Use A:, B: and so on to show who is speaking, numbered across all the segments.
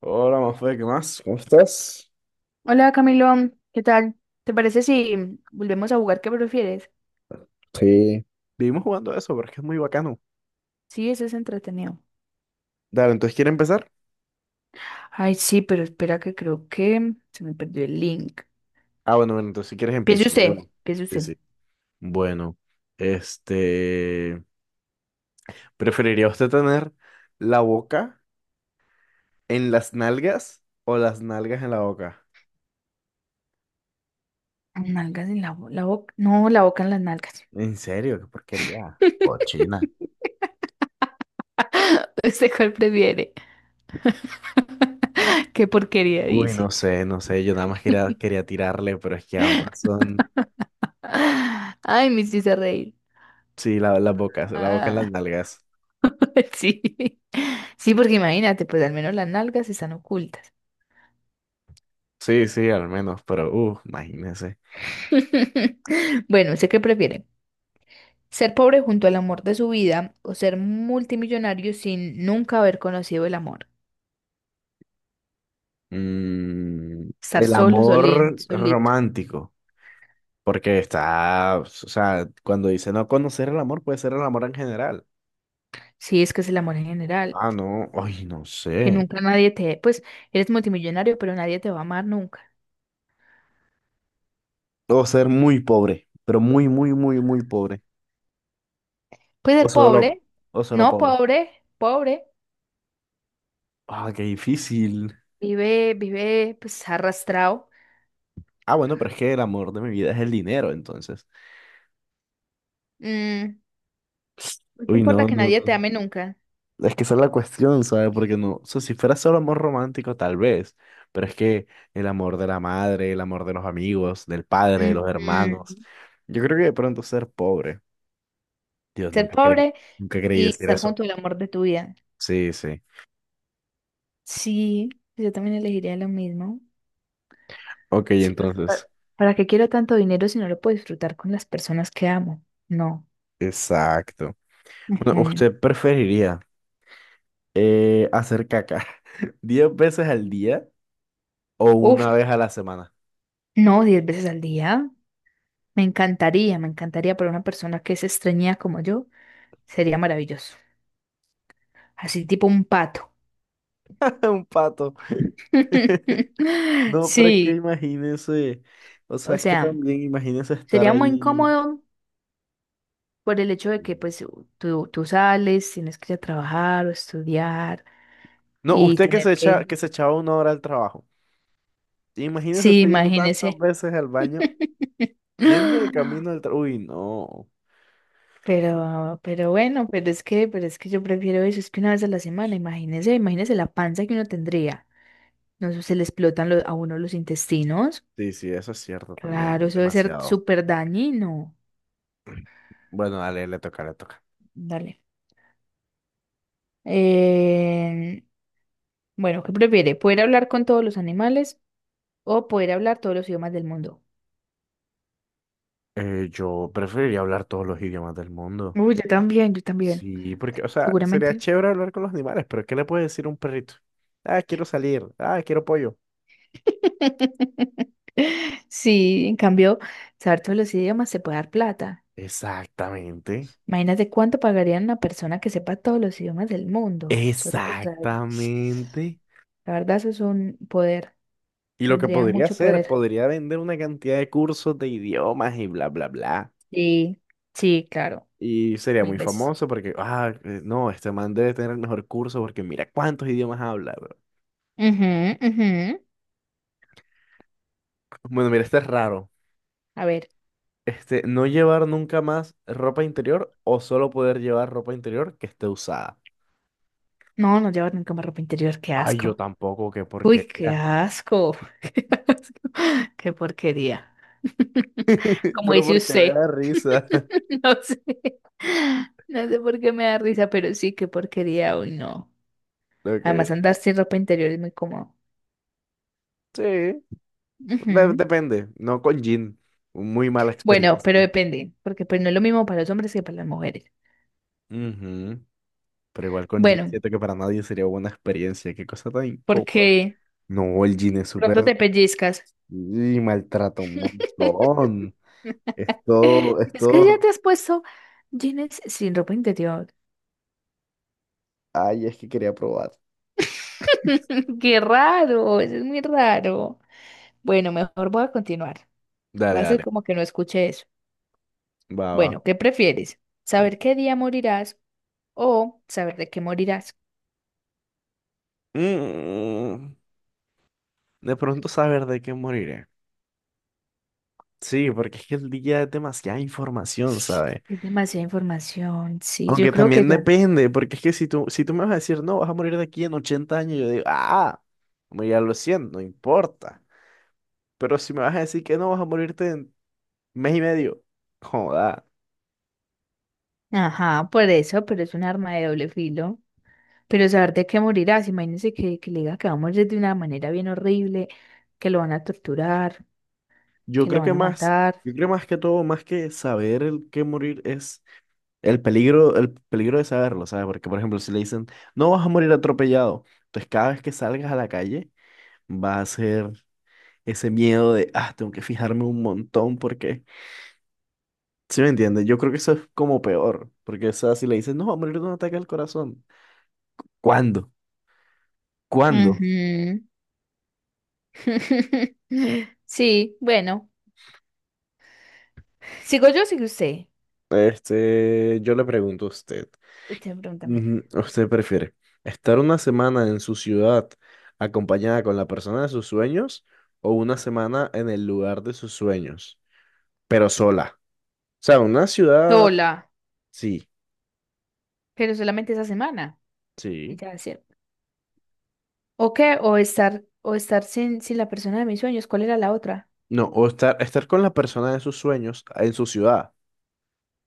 A: Hola, Mafe, ¿qué más? ¿Cómo estás?
B: Hola Camilo, ¿qué tal? ¿Te parece si volvemos a jugar qué prefieres?
A: Sí, vivimos jugando eso, pero es que es muy bacano.
B: Sí, eso es entretenido.
A: Dale, entonces, ¿quieres empezar?
B: Ay, sí, pero espera que creo que se me perdió el link.
A: Ah, bueno, bueno, entonces si quieres
B: Piense
A: empiezo yo.
B: usted, piense
A: Sí,
B: usted.
A: sí. Bueno, este... ¿Preferiría usted tener la boca en las nalgas o las nalgas en la boca?
B: Nalgas en la, la boca. No, la boca en las nalgas.
A: ¿En serio? ¿Qué porquería? Cochina.
B: ¿Usted cuál prefiere? Qué porquería
A: Uy,
B: dice.
A: no sé, no sé, yo nada más quería, quería tirarle, pero es que ambas son.
B: Ah, Ay, me hiciste reír.
A: Sí, las bocas, la boca en las
B: Ah,
A: nalgas.
B: sí. Sí, porque imagínate, pues al menos las nalgas están ocultas.
A: Sí, sí, al menos, pero, imagínese.
B: Bueno, sé qué prefiere. Ser pobre junto al amor de su vida o ser multimillonario sin nunca haber conocido el amor.
A: Mm,
B: Estar
A: el
B: solo, solín,
A: amor
B: solito.
A: romántico, porque está, o sea, cuando dice no conocer el amor, puede ser el amor en general.
B: Sí, es que es el amor en general.
A: Ah, no, ay, no
B: Que
A: sé.
B: nunca nadie te... Pues eres multimillonario, pero nadie te va a amar nunca.
A: O ser muy pobre, pero muy, muy, muy, muy pobre.
B: Pues
A: O
B: el
A: solo,
B: pobre,
A: o solo
B: no
A: pobre.
B: pobre, pobre,
A: Ah, qué difícil.
B: vive, vive pues arrastrado.
A: Ah, bueno, pero es que el amor de mi vida es el dinero, entonces.
B: Mm, no te
A: Uy,
B: importa
A: no,
B: que
A: no,
B: nadie te
A: no.
B: ame nunca.
A: Es que esa es la cuestión, ¿sabes? Porque no, o sea, si fuera solo amor romántico, tal vez, pero es que el amor de la madre, el amor de los amigos, del padre, de los hermanos,
B: Ujú.
A: yo creo que de pronto ser pobre, Dios,
B: Ser
A: nunca creí,
B: pobre
A: nunca creí
B: y
A: decir
B: estar
A: eso.
B: junto al amor de tu vida.
A: Sí, sí.
B: Sí, yo también elegiría lo mismo.
A: Ok,
B: Sí, pues, ¿para,
A: entonces,
B: para qué quiero tanto dinero si no lo puedo disfrutar con las personas que amo? No.
A: exacto. Bueno,
B: Ujú.
A: ¿usted preferiría hacer caca 10 veces al día o
B: Uf,
A: una vez a la semana?
B: no, 10 veces al día. Me encantaría para una persona que es extrañida como yo. Sería maravilloso. Así tipo un pato.
A: Un pato. No, pero es que
B: Sí,
A: imagínese, o sea,
B: o
A: es que
B: sea,
A: también imagínese estar
B: sería muy
A: ahí.
B: incómodo por el hecho de
A: No,
B: que pues tú sales, tienes que ir a trabajar o estudiar y
A: usted
B: tener que...
A: que se echaba una hora al trabajo. Imagínese
B: Sí,
A: usted yendo tantas
B: imagínese.
A: veces al baño, yendo de camino al trabajo. Uy, no.
B: Pero bueno, pero es que yo prefiero eso, es que una vez a la semana, imagínese, imagínese la panza que uno tendría. No sé, se le explotan a uno los intestinos.
A: Sí, sí, eso es cierto también,
B: Claro,
A: es
B: eso debe ser
A: demasiado.
B: súper dañino.
A: Bueno, dale, le toca, le toca.
B: Dale. Eh, bueno, ¿qué prefiere? ¿Poder hablar con todos los animales o poder hablar todos los idiomas del mundo?
A: Yo preferiría hablar todos los idiomas del mundo.
B: Uy, yo también,
A: Sí, porque, o sea, sería
B: seguramente.
A: chévere hablar con los animales, pero ¿qué le puede decir un perrito? Ah, quiero salir. Ah, quiero pollo.
B: Sí, en cambio, saber todos los idiomas se puede dar plata.
A: Exactamente.
B: Imagínate cuánto pagarían una persona que sepa todos los idiomas del mundo, solo por saber.
A: Exactamente.
B: La verdad, eso es un poder.
A: Y lo que
B: Tendría
A: podría
B: mucho
A: hacer,
B: poder.
A: podría vender una cantidad de cursos de idiomas y bla, bla, bla.
B: Sí, sí, claro,
A: Y sería
B: mil
A: muy
B: veces.
A: famoso porque, no, este man debe tener el mejor curso porque mira cuántos idiomas habla, bro".
B: Ujú, ujú.
A: Bueno, mira, este es raro.
B: A ver,
A: No llevar nunca más ropa interior o solo poder llevar ropa interior que esté usada.
B: no, no llevar nunca más ropa interior, qué
A: Ay, yo
B: asco.
A: tampoco, qué
B: Uy, qué
A: porquería.
B: asco, qué asco, qué porquería. Como
A: Pero
B: dice
A: porque me
B: usted,
A: da risa.
B: no sé, no sé por qué me da risa, pero sí, qué porquería, uy, no. Además,
A: Ok.
B: andar sin ropa interior es muy cómodo.
A: Sí,
B: Ujú.
A: depende. No con Jin. Muy mala
B: Bueno, pero
A: experiencia.
B: depende, porque pues no es lo mismo para los hombres que para las mujeres.
A: Ujú. Pero igual con Jin
B: Bueno,
A: siento que para nadie sería buena experiencia. Qué cosa tan incómoda.
B: porque
A: No, el Jin es
B: pronto
A: súper.
B: te pellizcas.
A: Y maltrata un montón. Es todo, es
B: Es que ya
A: todo.
B: te has puesto jeans sin ropa interior.
A: Ay, es que quería probar.
B: Qué raro, eso es muy raro. Bueno, mejor voy a continuar.
A: Dale,
B: Voy a hacer
A: dale.
B: como que no escuché eso.
A: Va, va.
B: Bueno, ¿qué prefieres? ¿Saber qué día morirás o saber de qué morirás?
A: Mm, de pronto saber de qué moriré. Sí, porque es que el día es demasiada información, ¿sabes?
B: Es demasiada información. Sí, yo
A: Aunque
B: creo que
A: también
B: ya.
A: depende, porque es que si tú me vas a decir, no, vas a morir de aquí en 80 años, yo digo, ah, ya lo siento, no importa. Pero si me vas a decir que no, vas a morirte. Mes y medio. Joda.
B: Ajá, por eso, pero es un arma de doble filo. Pero saber de qué morirás, imagínense que le diga que va a morir de una manera bien horrible, que lo van a torturar,
A: Yo
B: que lo
A: creo
B: van
A: que
B: a
A: más,
B: matar.
A: yo creo más que todo, más que saber el que morir es el peligro de saberlo, ¿sabes? Porque, por ejemplo, si le dicen, no vas a morir atropellado, entonces cada vez que salgas a la calle va a ser ese miedo de, ah, tengo que fijarme un montón porque, ¿sí me entiendes? Yo creo que eso es como peor, porque, o sea, si le dicen, no, va a morir de un ataque al corazón, ¿cuándo? ¿Cuándo?
B: Ujú. Sí, bueno. Sigo yo, o sigue usted.
A: Yo le pregunto a usted.
B: Usted pregúntame.
A: Ujú. ¿Usted prefiere estar una semana en su ciudad acompañada con la persona de sus sueños o una semana en el lugar de sus sueños, pero sola? O sea, una ciudad,
B: Sola,
A: sí,
B: pero solamente esa semana. Y
A: sí.
B: ya, ¿cierto? ¿O qué? O estar sin, sin la persona de mis sueños. ¿Cuál era la otra?
A: No, o estar con la persona de sus sueños en su ciudad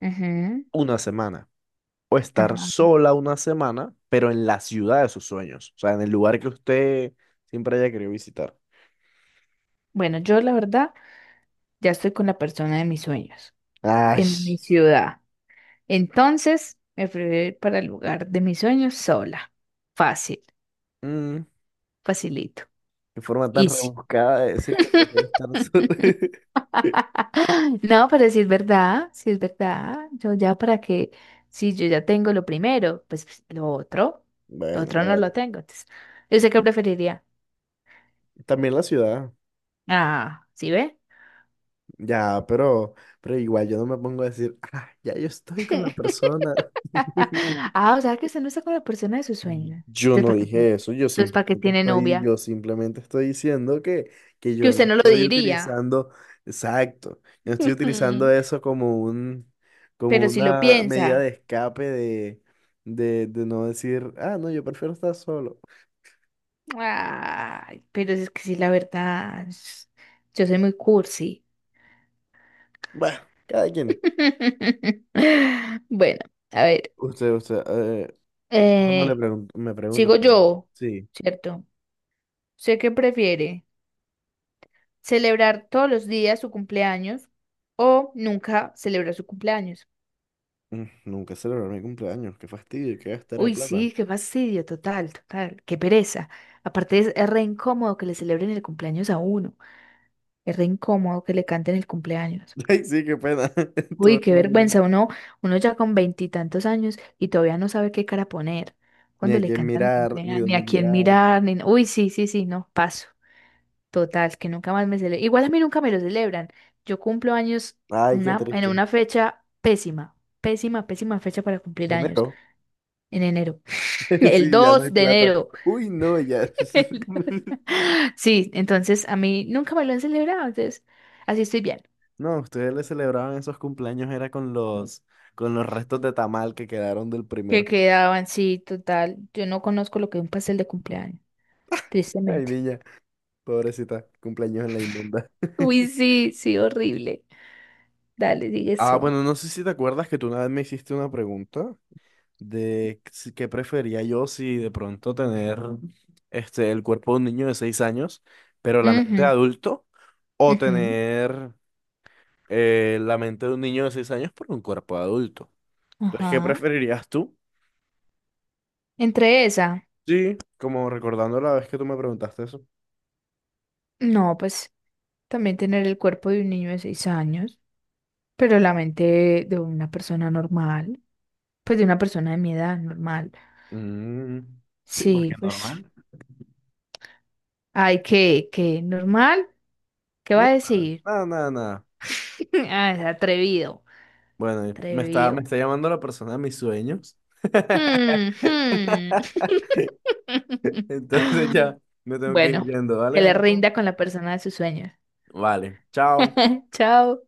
B: Ujú,
A: una semana, o estar
B: Ajá.
A: sola una semana, pero en la ciudad de sus sueños, o sea, en el lugar que usted siempre haya querido visitar.
B: Bueno, yo la verdad ya estoy con la persona de mis sueños
A: Ay,
B: en mi ciudad. Entonces me fui a ir para el lugar de mis sueños sola. Fácil,
A: mm,
B: facilito.
A: qué forma tan
B: Easy.
A: rebuscada de decir que prefiere estar sola.
B: No, pero si es verdad, si es verdad, yo ya para que, si yo ya tengo lo primero, pues, lo
A: Bueno,
B: otro no
A: bueno.
B: lo tengo. Entonces, yo sé que preferiría.
A: También la ciudad.
B: Ah, ¿sí ve?
A: Ya, pero igual yo no me pongo a decir, ah, ya yo estoy con la persona.
B: Ah, o sea que usted no está con la persona de sus sueños.
A: Yo
B: Entonces,
A: no
B: ¿para qué tiene?
A: dije eso,
B: Entonces, ¿para qué tiene novia?
A: yo simplemente estoy diciendo que
B: Que
A: yo no
B: usted no lo
A: estoy
B: diría.
A: utilizando, exacto, yo no estoy utilizando eso como un, como
B: Pero si lo
A: una medida de
B: piensa.
A: escape de, no decir, ah, no, yo prefiero estar solo.
B: Ay, pero es que sí, la verdad, yo soy muy cursi.
A: Bueno, cada quien.
B: Bueno, a ver,
A: Usted, no le
B: eh,
A: pregunto, me pregunto
B: sigo
A: también.
B: yo,
A: Sí.
B: ¿cierto? ¿Sé qué prefiere? ¿Celebrar todos los días su cumpleaños o nunca celebrar su cumpleaños?
A: Nunca celebrar mi cumpleaños, qué fastidio, qué gastera de
B: Uy,
A: plata.
B: sí, qué fastidio, total, total, qué pereza. Aparte es re incómodo que le celebren el cumpleaños a uno, es re incómodo que le canten el cumpleaños.
A: Ay, sí, qué pena. Todo
B: Uy,
A: el
B: qué
A: mundo ahí.
B: vergüenza, uno, uno ya con veintitantos años y todavía no sabe qué cara poner
A: Ni
B: cuando
A: a
B: le
A: quién
B: cantan el
A: mirar, ni
B: cumpleaños, ni
A: dónde
B: a quién
A: mirar.
B: mirar, ni... no, Uy, sí, sí, sí, no, paso. Total, que nunca más me celebran. Igual a mí nunca me lo celebran. Yo cumplo años
A: Ay, qué
B: una, en
A: triste.
B: una fecha pésima, pésima, pésima fecha para cumplir años,
A: Enero.
B: en enero. El
A: Sí, ya no
B: 2
A: hay
B: de
A: plata.
B: enero.
A: Uy, no, ya.
B: El- Sí, entonces a mí nunca me lo han celebrado, entonces así estoy bien.
A: No, ustedes le celebraban esos cumpleaños era con los restos de tamal que quedaron del
B: Que
A: primero.
B: quedaban, sí, total. Yo no conozco lo que es un pastel de cumpleaños.
A: Ay,
B: Tristemente.
A: niña, pobrecita, cumpleaños en la inmunda.
B: Uy, sí, sí, horrible. Dale, sigue
A: Ah,
B: eso.
A: bueno, no sé si te acuerdas que tú una vez me hiciste una pregunta de qué prefería yo si de pronto tener el cuerpo de un niño de 6 años, pero la mente de
B: Ujú,
A: adulto, o
B: ujú,
A: tener la mente de un niño de 6 años, pero un cuerpo de adulto. Entonces, ¿qué
B: Ajá.
A: preferirías tú?
B: Entre esa,
A: Sí, como recordando la vez que tú me preguntaste eso.
B: no, pues también tener el cuerpo de un niño de 6 años, pero la mente de una persona normal, pues de una persona de mi edad normal.
A: Mm, sí, porque
B: Sí, pues,
A: normal.
B: ay, ¿qué, normal? ¿Qué va
A: No,
B: a
A: nada,
B: decir?
A: nada, nada, nada.
B: Ah, es atrevido,
A: Bueno, y me está, me
B: atrevido.
A: está llamando la persona de mis sueños.
B: Hmm, hmm.
A: Entonces ya me tengo que ir
B: Bueno,
A: yendo,
B: que
A: ¿vale?
B: le rinda con la persona de sus sueños.
A: Vale, chao.
B: Chao.